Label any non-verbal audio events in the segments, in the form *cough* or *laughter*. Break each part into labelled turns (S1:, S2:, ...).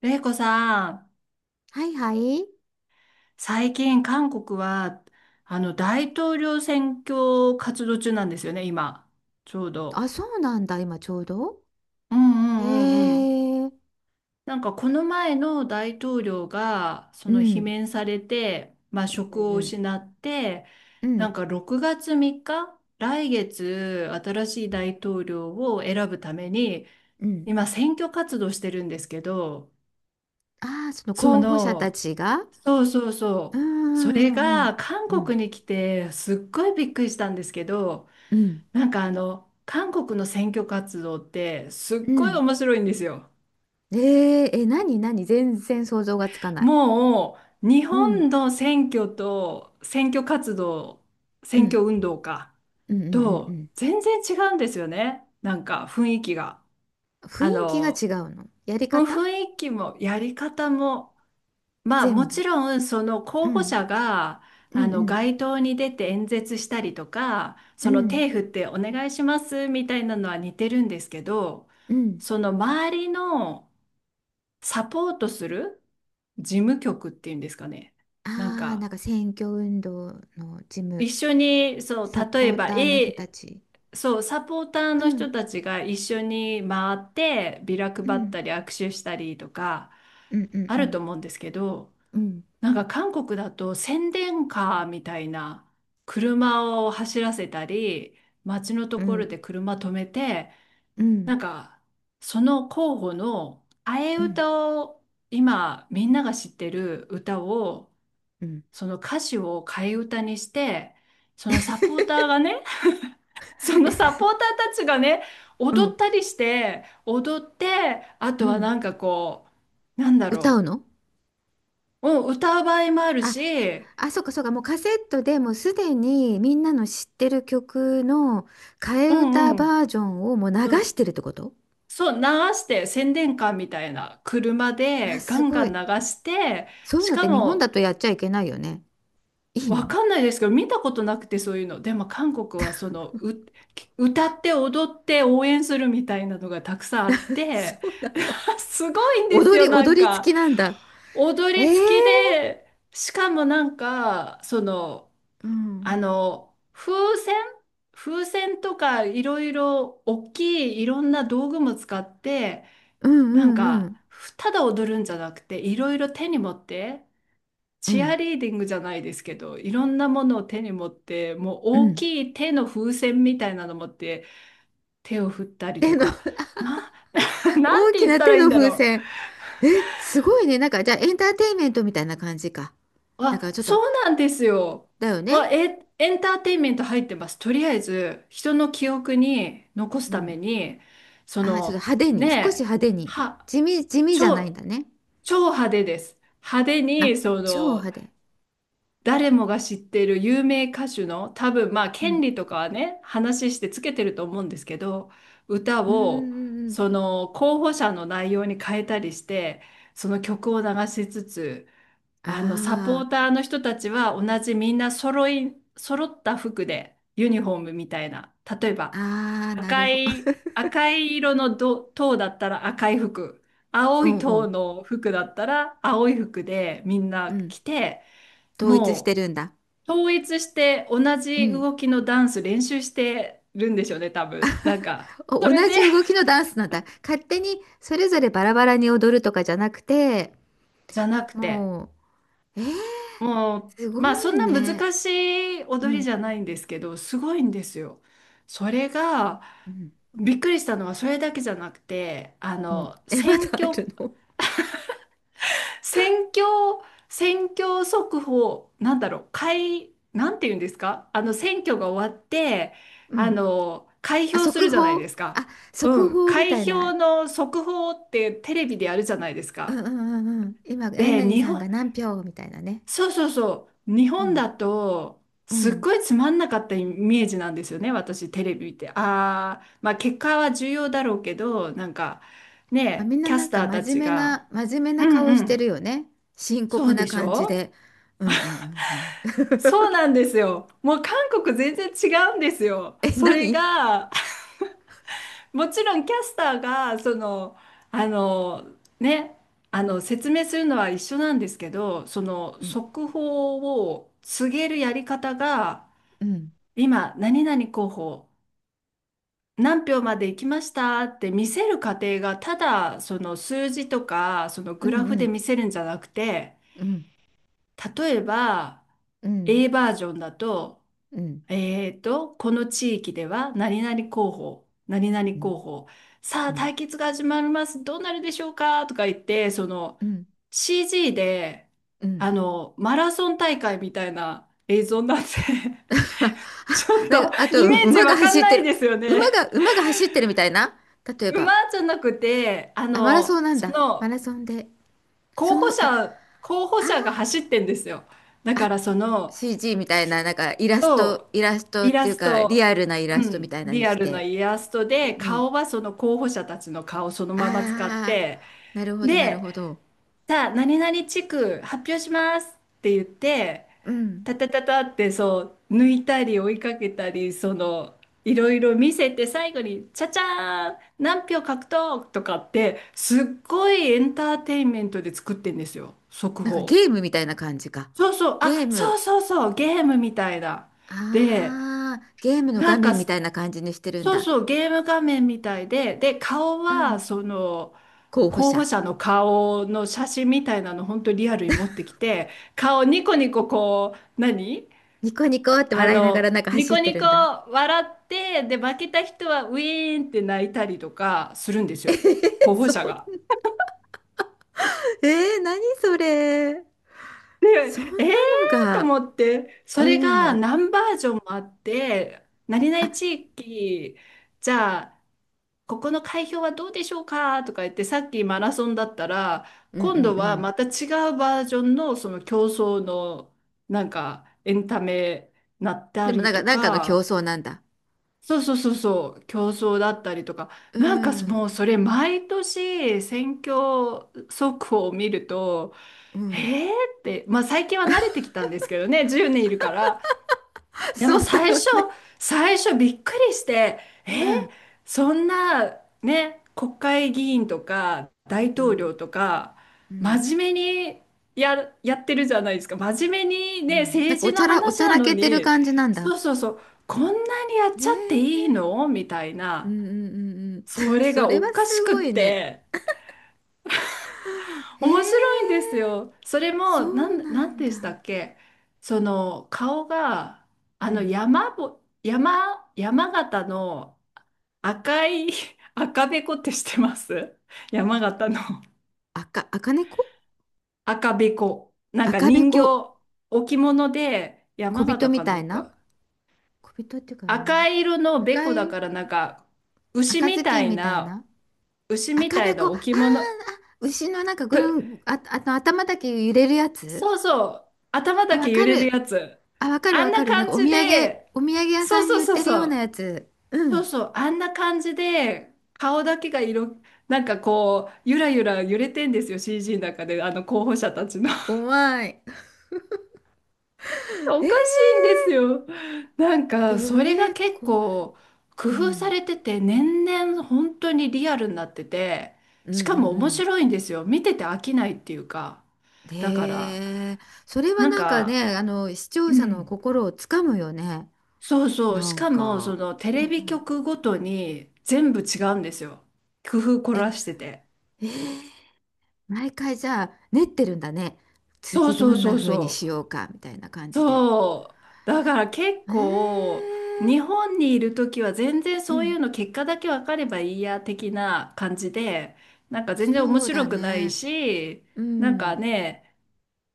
S1: 玲子さん、
S2: はいはい。
S1: 最近韓国は、大統領選挙活動中なんですよね、今。ちょうど。
S2: あ、そうなんだ、今ちょうど。
S1: うんう
S2: へ
S1: んうんうん。
S2: え、
S1: なんかこの前の大統領が、そ
S2: う
S1: の罷
S2: ん、
S1: 免されて、まあ
S2: う
S1: 職を
S2: ん、
S1: 失って、
S2: うんう
S1: なん
S2: ん、
S1: か6月3日、来月新しい大統領を選ぶために、
S2: うん。
S1: 今選挙活動してるんですけど、
S2: ああ、その
S1: そ
S2: 候補者た
S1: の、
S2: ちが。
S1: そうそう
S2: う
S1: そう。
S2: ん
S1: それ
S2: うんうん。
S1: が韓
S2: うん
S1: 国に来てすっごいびっくりしたんですけど、
S2: うん。
S1: なんか韓国の選挙活動ってすっ
S2: うんう
S1: ごい
S2: ん。
S1: 面白いんですよ。
S2: え、何何全然想像がつかない。
S1: もう日
S2: う
S1: 本
S2: ん、
S1: の選挙と選挙活動、
S2: う
S1: 選
S2: ん。
S1: 挙運動か
S2: うんうんうんう
S1: と
S2: ん。
S1: 全然違うんですよね。なんか雰囲気が。
S2: 雰囲
S1: あ
S2: 気が違
S1: の、
S2: うの。やり方
S1: 雰囲気もやり方も、まあ
S2: 全
S1: もち
S2: 部。
S1: ろんその
S2: う
S1: 候補
S2: ん、
S1: 者が、
S2: うん、うん、
S1: 街頭に出て演説したりとか、
S2: う
S1: その
S2: ん、
S1: 手振ってお願いしますみたいなのは似てるんですけど、
S2: うん。
S1: その周りのサポートする事務局っていうんですかね。なん
S2: ああ、な
S1: か
S2: んか選挙運動の事務、
S1: 一緒に、そう、
S2: サ
S1: 例え
S2: ポー
S1: ば
S2: ターの人た
S1: A、
S2: ち。
S1: そうサポーター
S2: う
S1: の
S2: ん、
S1: 人たちが一緒に回ってビラ配
S2: う
S1: っ
S2: ん。
S1: たり握手したりとか、
S2: うんうん
S1: あ
S2: う
S1: る
S2: ん
S1: と思うんですけど。
S2: うん
S1: なんか韓国だと宣伝カーみたいな車を走らせたり、街のと
S2: う
S1: ころ
S2: ん
S1: で車止めて、
S2: う
S1: な
S2: ん
S1: んかその候補の替え
S2: うん
S1: 歌を、今みんなが知ってる歌をその歌詞を替え歌にして、そのサポーターがね、*laughs* そのサポーターたちがね、
S2: う
S1: 踊
S2: ん
S1: ったりして、踊って、あ
S2: う
S1: とは
S2: ん。
S1: なんかこう、
S2: 歌うの？
S1: うん、歌う場合もある
S2: あ、
S1: し、
S2: あ、そうかそうか、もうカセットでもうすでにみんなの知ってる曲の替え
S1: うん
S2: 歌
S1: う
S2: バージョンをもう流
S1: ん。
S2: してるってこと？
S1: そう、流して宣伝カーみたいな車
S2: わ、
S1: でガ
S2: す
S1: ン
S2: ご
S1: ガン流
S2: い。
S1: して、
S2: そういう
S1: し
S2: のって
S1: か
S2: 日本だ
S1: も
S2: とやっちゃいけないよね。いいの？
S1: わかんないですけど、見たことなくてそういうの。でも韓国はそのう、歌って踊って応援するみたいなのがたくさんあっ
S2: *laughs* そ
S1: て、
S2: うなんだ。
S1: *laughs* すごいんです
S2: 踊
S1: よ、
S2: り、
S1: なん
S2: 踊り
S1: か。
S2: 付きなんだ。
S1: 踊
S2: え
S1: り
S2: ー、
S1: 付きで、しかもなんか、
S2: う
S1: あ
S2: ん
S1: の、風船風船とかいろいろ大きいいろんな道具も使って、
S2: うんう
S1: なん
S2: んう
S1: か、
S2: ん
S1: ただ踊るんじゃなくて、いろいろ手に持って、
S2: う
S1: チア
S2: ん
S1: リーディングじゃないですけど、いろんなものを手に持って、もう
S2: う
S1: 大
S2: ん。
S1: きい手の風船みたいなの持って、手を振ったりと
S2: 手の
S1: か、
S2: *laughs*
S1: な、*laughs* なん
S2: 大
S1: て
S2: き
S1: 言っ
S2: な
S1: たら
S2: 手
S1: いいん
S2: の
S1: だ
S2: 風
S1: ろ
S2: 船。え、すごいね。なんか、じゃあ、エンターテインメントみたいな感じか。
S1: う。
S2: なんか、
S1: あ、
S2: ちょっ
S1: そ
S2: と、
S1: うなんですよ。
S2: だよね。
S1: あ、え、エンターテインメント入ってます。とりあえず、人の記憶に残す
S2: う
S1: た
S2: ん。
S1: めに、そ
S2: あー、ちょっと
S1: の、
S2: 派手
S1: ね
S2: に、少し
S1: え、
S2: 派手に。
S1: は、
S2: 地味、地味じゃないん
S1: 超、
S2: だね。
S1: 超派手です。派手
S2: あ、
S1: に、
S2: 超派手。
S1: 誰もが知っている有名歌手の、多分まあ
S2: う
S1: 権
S2: ん。
S1: 利とかはね話してつけてると思うんですけど、歌
S2: うんうん
S1: を
S2: うんう
S1: そ
S2: ん。
S1: の候補者の内容に変えたりして、その曲を流しつつ、サポ
S2: あ
S1: ーターの人たちは同じみんな揃い揃った服でユニフォームみたいな、例えば、
S2: あ、ああ、なる
S1: 赤
S2: ほど。
S1: い
S2: *laughs*
S1: 赤い色のど塔だったら赤い服、
S2: お
S1: 青い
S2: うお
S1: 塔
S2: う。
S1: の服だったら青い服でみん
S2: う
S1: な
S2: ん。
S1: 着て、
S2: 統一して
S1: も
S2: るんだ。
S1: う統一して同
S2: う
S1: じ
S2: ん。
S1: 動きのダンス練習してるんでしょうね、多分。なんか、そ
S2: お、
S1: れ
S2: 同
S1: で、
S2: じ動き
S1: *laughs*
S2: のダンスなんだ。勝手に、それぞれバラバラに踊るとかじゃなくて、
S1: じゃなくて、
S2: もう、えー、
S1: も
S2: す
S1: う、まあ
S2: ご
S1: そ
S2: い
S1: んな
S2: ね。
S1: 難しい
S2: う
S1: 踊り
S2: ん。
S1: じゃないんですけど、すごいんですよ。それが、
S2: うん。
S1: びっくりしたのはそれだけじゃなくて、
S2: うん。え、まだあるの？ *laughs*
S1: 選挙、選挙速報、なんて言うんですか、選挙が終わって、
S2: うん。
S1: 開
S2: あ、
S1: 票す
S2: 速
S1: るじゃないで
S2: 報、
S1: すか。
S2: あ、
S1: う
S2: 速
S1: ん、
S2: 報み
S1: 開
S2: たい
S1: 票
S2: な。
S1: の速報ってテレビでやるじゃないです
S2: うん
S1: か。
S2: うんうんうん。今、何
S1: で、
S2: 々さんが何票みたいなね。
S1: そうそうそう、日
S2: う
S1: 本
S2: ん
S1: だと、
S2: う
S1: すっ
S2: ん。
S1: ごいつまんなかったイメージなんですよね、私、テレビって。ああ、まあ、結果は重要だろうけど、なんか、
S2: まあ、
S1: ね
S2: み
S1: え、
S2: んな
S1: キャ
S2: な
S1: ス
S2: んか
S1: ターた
S2: 真面
S1: ち
S2: 目
S1: が、
S2: な、真面目
S1: う
S2: な
S1: ん
S2: 顔
S1: う
S2: してる
S1: ん、
S2: よね。深
S1: そ
S2: 刻
S1: う
S2: な
S1: でし
S2: 感じで。
S1: ょ。
S2: うんうんうんうん。
S1: そうなんですよ。もう韓国全然違うんですよ。
S2: *laughs* え、
S1: それ
S2: 何？
S1: が、*laughs* もちろんキャスターが、あの、ね、説明するのは一緒なんですけど、その
S2: うん
S1: 速報を告げるやり方が、
S2: うん
S1: 今、何々候補、何票まで行きましたって見せる過程が、ただ、その数字とか、その
S2: う
S1: グラフで
S2: ん
S1: 見せるんじゃなくて、
S2: うん
S1: 例えば、
S2: うん
S1: A バージョンだと、
S2: うんうん
S1: この地域では何々候補、何々
S2: うん
S1: 候補、さ
S2: う
S1: あ
S2: ん
S1: 対決が始まります、どうなるでしょうかとか言って、その
S2: うん。
S1: CG で、マラソン大会みたいな映像になって
S2: *laughs*
S1: *laughs* ちょっ
S2: なん
S1: と
S2: か、あと、
S1: イ
S2: う
S1: メージ
S2: 馬が
S1: わか
S2: 走
S1: ん
S2: っ
S1: な
S2: て
S1: いで
S2: る。
S1: すよ
S2: 馬
S1: ね。
S2: が、馬が走ってるみたいな。例えば。
S1: 馬じゃなくて、
S2: あ、マラソンなんだ。マラソンで。
S1: 候
S2: その、
S1: 補
S2: あ、
S1: 者、候補
S2: あ
S1: 者が走ってんですよ。だか
S2: あ、
S1: らその、
S2: CG みたいな、なんかイラスト、
S1: と、
S2: イラストっ
S1: イ
S2: て
S1: ラ
S2: いう
S1: ス
S2: か、リ
S1: ト、
S2: アルなイ
S1: う
S2: ラストみ
S1: ん、
S2: たいなのに
S1: リア
S2: し
S1: ルな
S2: て。
S1: イラスト
S2: う
S1: で、
S2: ん。
S1: 顔はその候補者たちの顔そのまま使っ
S2: あ
S1: て、
S2: あ、なるほど、なる
S1: で、
S2: ほど。
S1: さあ、何々地区発表しますって言って、
S2: うん。
S1: タタタタってそう、抜いたり追いかけたり、その、いろいろ見せて最後に、チャチャーン、何票獲得とかって、すっごいエンターテインメントで作ってんですよ、速
S2: なんか
S1: 報。
S2: ゲームみたいな感じか。
S1: そうそう、
S2: ゲー
S1: あ、そ
S2: ム。
S1: うそうそう、ゲームみたいな。で、
S2: ああ、ゲームの
S1: な
S2: 画
S1: んか、
S2: 面みたいな感じにしてるん
S1: そう
S2: だ。
S1: そう、ゲーム画面みたいで、で、顔
S2: う
S1: は、
S2: ん。
S1: その、
S2: 候補
S1: 候
S2: 者。
S1: 補者の顔の写真みたいなの、本当リアルに持ってきて、顔ニコニコこう、何
S2: ニコニコって
S1: あ
S2: 笑いながら
S1: の、
S2: なんか
S1: ニ
S2: 走っ
S1: コ
S2: て
S1: ニ
S2: る
S1: コ
S2: んだ。
S1: 笑って、で、負けた人はウィーンって泣いたりとかするんで
S2: *laughs*
S1: す
S2: え
S1: よ、候
S2: ー、
S1: 補
S2: そん
S1: 者が。
S2: な、えー、何それ。
S1: で、
S2: そんな
S1: えー
S2: の
S1: と
S2: が。
S1: 思って、それが
S2: うん。
S1: 何バージョンもあって、何
S2: あ、
S1: 々地域、じゃあ、ここの開票はどうでしょうかとか言って、さっきマラソンだったら、
S2: うんうん
S1: 今度
S2: う
S1: は
S2: ん。
S1: また違うバージョンのその競争の、なんかエンタメなった
S2: でもな
S1: り
S2: んか、
S1: と
S2: なんかの競
S1: か、
S2: 争なんだ。
S1: そうそうそうそう、競争だったりとか、
S2: う
S1: なんか
S2: ん、
S1: もうそれ毎年選挙速報を見ると、
S2: うん、
S1: へーって。まあ最近は慣れてきたんですけどね、10年いるから。で
S2: そ
S1: も
S2: うだ
S1: 最
S2: よ
S1: 初、
S2: ね。
S1: 最初びっくりして、え
S2: うん、
S1: ーそんなね、国会議員とか大
S2: う
S1: 統
S2: ん、
S1: 領とか、
S2: うん、
S1: 真面目にややってるじゃないですか。真面目に
S2: う
S1: ね、
S2: ん。なん
S1: 政
S2: かお
S1: 治
S2: ち
S1: の
S2: ゃら、おち
S1: 話
S2: ゃ
S1: な
S2: ら
S1: の
S2: けてる
S1: に、
S2: 感じなんだ。
S1: そうそうそう、こんなにやっちゃって
S2: へ、
S1: いいのみたい
S2: うんう
S1: な、
S2: んうんうん。
S1: そ
S2: *laughs*
S1: れ
S2: そ
S1: が
S2: れ
S1: お
S2: は
S1: かし
S2: す
S1: くっ
S2: ごいね。
S1: て。面白いん
S2: へ、
S1: ですよ。それ
S2: そ
S1: も、
S2: うな
S1: なん
S2: ん
S1: で
S2: だ。
S1: したっけ。顔が、
S2: う
S1: あの、
S2: ん。
S1: 山ぼ、山、山形の赤い *laughs* 赤べこって知ってます？山形の
S2: 赤、赤猫、
S1: 赤べこ。なんか
S2: 赤べ
S1: 人形、
S2: こ、
S1: 置物で、
S2: 小
S1: 山
S2: 人
S1: 形
S2: み
S1: か
S2: た
S1: ど
S2: い
S1: う
S2: な、
S1: か。
S2: 小人っていうか、あの、
S1: 赤い色のべ
S2: 赤
S1: こだ
S2: い、
S1: から、なんか、牛
S2: 赤
S1: み
S2: ずき
S1: た
S2: ん
S1: い
S2: みたい
S1: な、
S2: な、
S1: 牛み
S2: 赤
S1: たい
S2: べ
S1: な
S2: こ、あー、
S1: 置物、
S2: 牛のなんか
S1: ぷ
S2: ぐるん、あ、あの頭だけ揺れるやつ、
S1: そうそう。頭
S2: あ、
S1: だ
S2: わ
S1: け揺
S2: か
S1: れる
S2: る。
S1: やつ。
S2: あ、わかる
S1: あん
S2: わか
S1: な
S2: る。なんか
S1: 感
S2: お
S1: じ
S2: 土産、
S1: で、
S2: お土産屋さ
S1: そう
S2: んに
S1: そう
S2: 売っ
S1: そう
S2: てる
S1: そ
S2: ような
S1: う。
S2: やつ。う
S1: そう
S2: ん。
S1: そう。あんな感じで、顔だけが色、なんかこう、ゆらゆら揺れてんですよ。CG の中で、あの候補者たちの。
S2: 怖い。
S1: *laughs*
S2: え
S1: お
S2: ー、
S1: かしいんですよ。なん
S2: そ
S1: か、それが
S2: れ
S1: 結
S2: 怖い。
S1: 構、工
S2: う
S1: 夫さ
S2: ん。
S1: れてて、年々本当にリアルになってて、
S2: うん
S1: しか
S2: う
S1: も面
S2: んう
S1: 白いんですよ。見てて飽きないっていうか。
S2: ん。
S1: だから、
S2: へえ、それは
S1: なん
S2: なんか
S1: か、
S2: ね、あの、視聴
S1: う
S2: 者の
S1: ん。
S2: 心をつかむよね。
S1: そうそう。
S2: な
S1: し
S2: ん
S1: かも、そ
S2: か。
S1: のテ
S2: うん
S1: レ
S2: う
S1: ビ
S2: ん。
S1: 局ごとに全部違うんですよ。工夫凝
S2: え、
S1: らしてて。
S2: えー、毎回じゃあ練ってるんだね。
S1: そう
S2: 次
S1: そ
S2: ど
S1: う
S2: ん
S1: そ
S2: な
S1: う
S2: 風に
S1: そ
S2: しよ
S1: う。
S2: うかみたいな感じで。
S1: そう。だから結
S2: えー、
S1: 構、日本にいる時は全然
S2: う
S1: そういう
S2: ん。
S1: の結果だけ分かればいいや的な感じで、なんか全然面
S2: そうだ
S1: 白くない
S2: ね。
S1: し、
S2: う
S1: なんか
S2: ん。
S1: ね、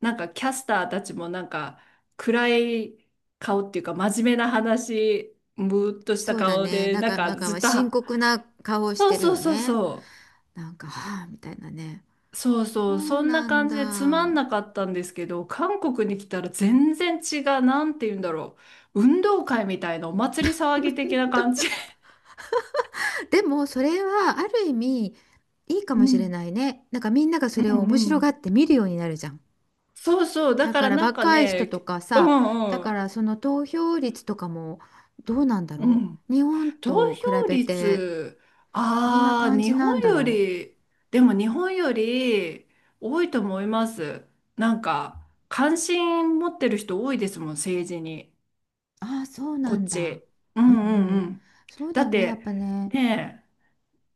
S1: なんかキャスターたちもなんか暗い顔っていうか真面目な話、ムーっとし
S2: そ
S1: た
S2: うだ
S1: 顔
S2: ね。
S1: で、
S2: なん
S1: なん
S2: か、なん
S1: かず
S2: か
S1: っと
S2: 深
S1: は。
S2: 刻な顔をし
S1: そう
S2: てる
S1: そう
S2: よ
S1: そう
S2: ね。
S1: そう。
S2: なんか、はあ、みたいなね。
S1: そう
S2: そ
S1: そう、
S2: う
S1: そんな
S2: なん
S1: 感じでつま
S2: だ。
S1: んなかったんですけど、韓国に来たら全然違う、なんて言うんだろう。運動会みたいなお祭り騒ぎ的な感
S2: *laughs*
S1: じ。
S2: でも、それはある意味いいか
S1: う
S2: もしれ
S1: ん、
S2: ないね。なんかみんなが
S1: う
S2: それを面
S1: ん、う
S2: 白が
S1: ん。
S2: って見るようになるじゃん。
S1: そうそう、だ
S2: だ
S1: か
S2: か
S1: ら
S2: ら
S1: なんか
S2: 若い人
S1: ね、
S2: とか
S1: う
S2: さ、だ
S1: んう
S2: か
S1: ん、
S2: らその投票率とかもどうなんだ
S1: う
S2: ろ
S1: ん。
S2: う。日本
S1: 投
S2: と比
S1: 票
S2: べて
S1: 率、
S2: どんな
S1: ああ、
S2: 感
S1: 日
S2: じな
S1: 本
S2: んだ
S1: よ
S2: ろ
S1: り、でも日本より多いと思います。なんか、関心持ってる人多いですもん、政治に。
S2: う。ああ、そうな
S1: こっ
S2: んだ。
S1: ち。う
S2: う
S1: ん
S2: んう
S1: うんう
S2: ん。
S1: ん。
S2: そう
S1: だ
S2: だよ
S1: っ
S2: ね、やっ
S1: て、
S2: ぱね。
S1: ねえ、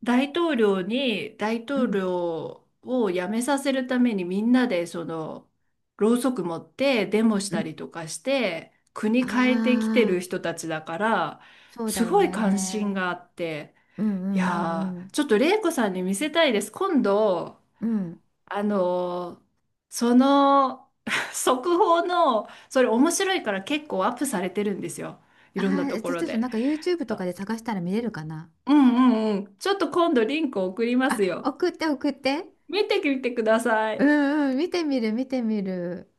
S1: 大
S2: う
S1: 統
S2: ん。
S1: 領を辞めさせるためにみんなで、その、ろうそく持ってデモし
S2: う
S1: た
S2: ん。
S1: りとかして、
S2: あ
S1: 国変えてきてる
S2: あ。
S1: 人たちだから、
S2: そうだ
S1: す
S2: よ
S1: ごい関心
S2: ね。
S1: があって、
S2: うんう
S1: いや
S2: んう
S1: ー、ちょ
S2: ん
S1: っと玲子さんに見せたいです。今度、
S2: うん。うん。
S1: あのーその、*laughs* 速報の、それ面白いから結構アップされてるんですよ、いろんな
S2: ああ、じ
S1: とこ
S2: ゃあ
S1: ろ
S2: ちょっとな
S1: で。
S2: んか YouTube とか
S1: あ、
S2: で探したら見れるかな。
S1: うんうんうん。ちょっと今度リンク送ります
S2: あ、
S1: よ。
S2: 送って送って。
S1: 見てみてくださ
S2: う
S1: い。
S2: んうん、見てみる見てみる。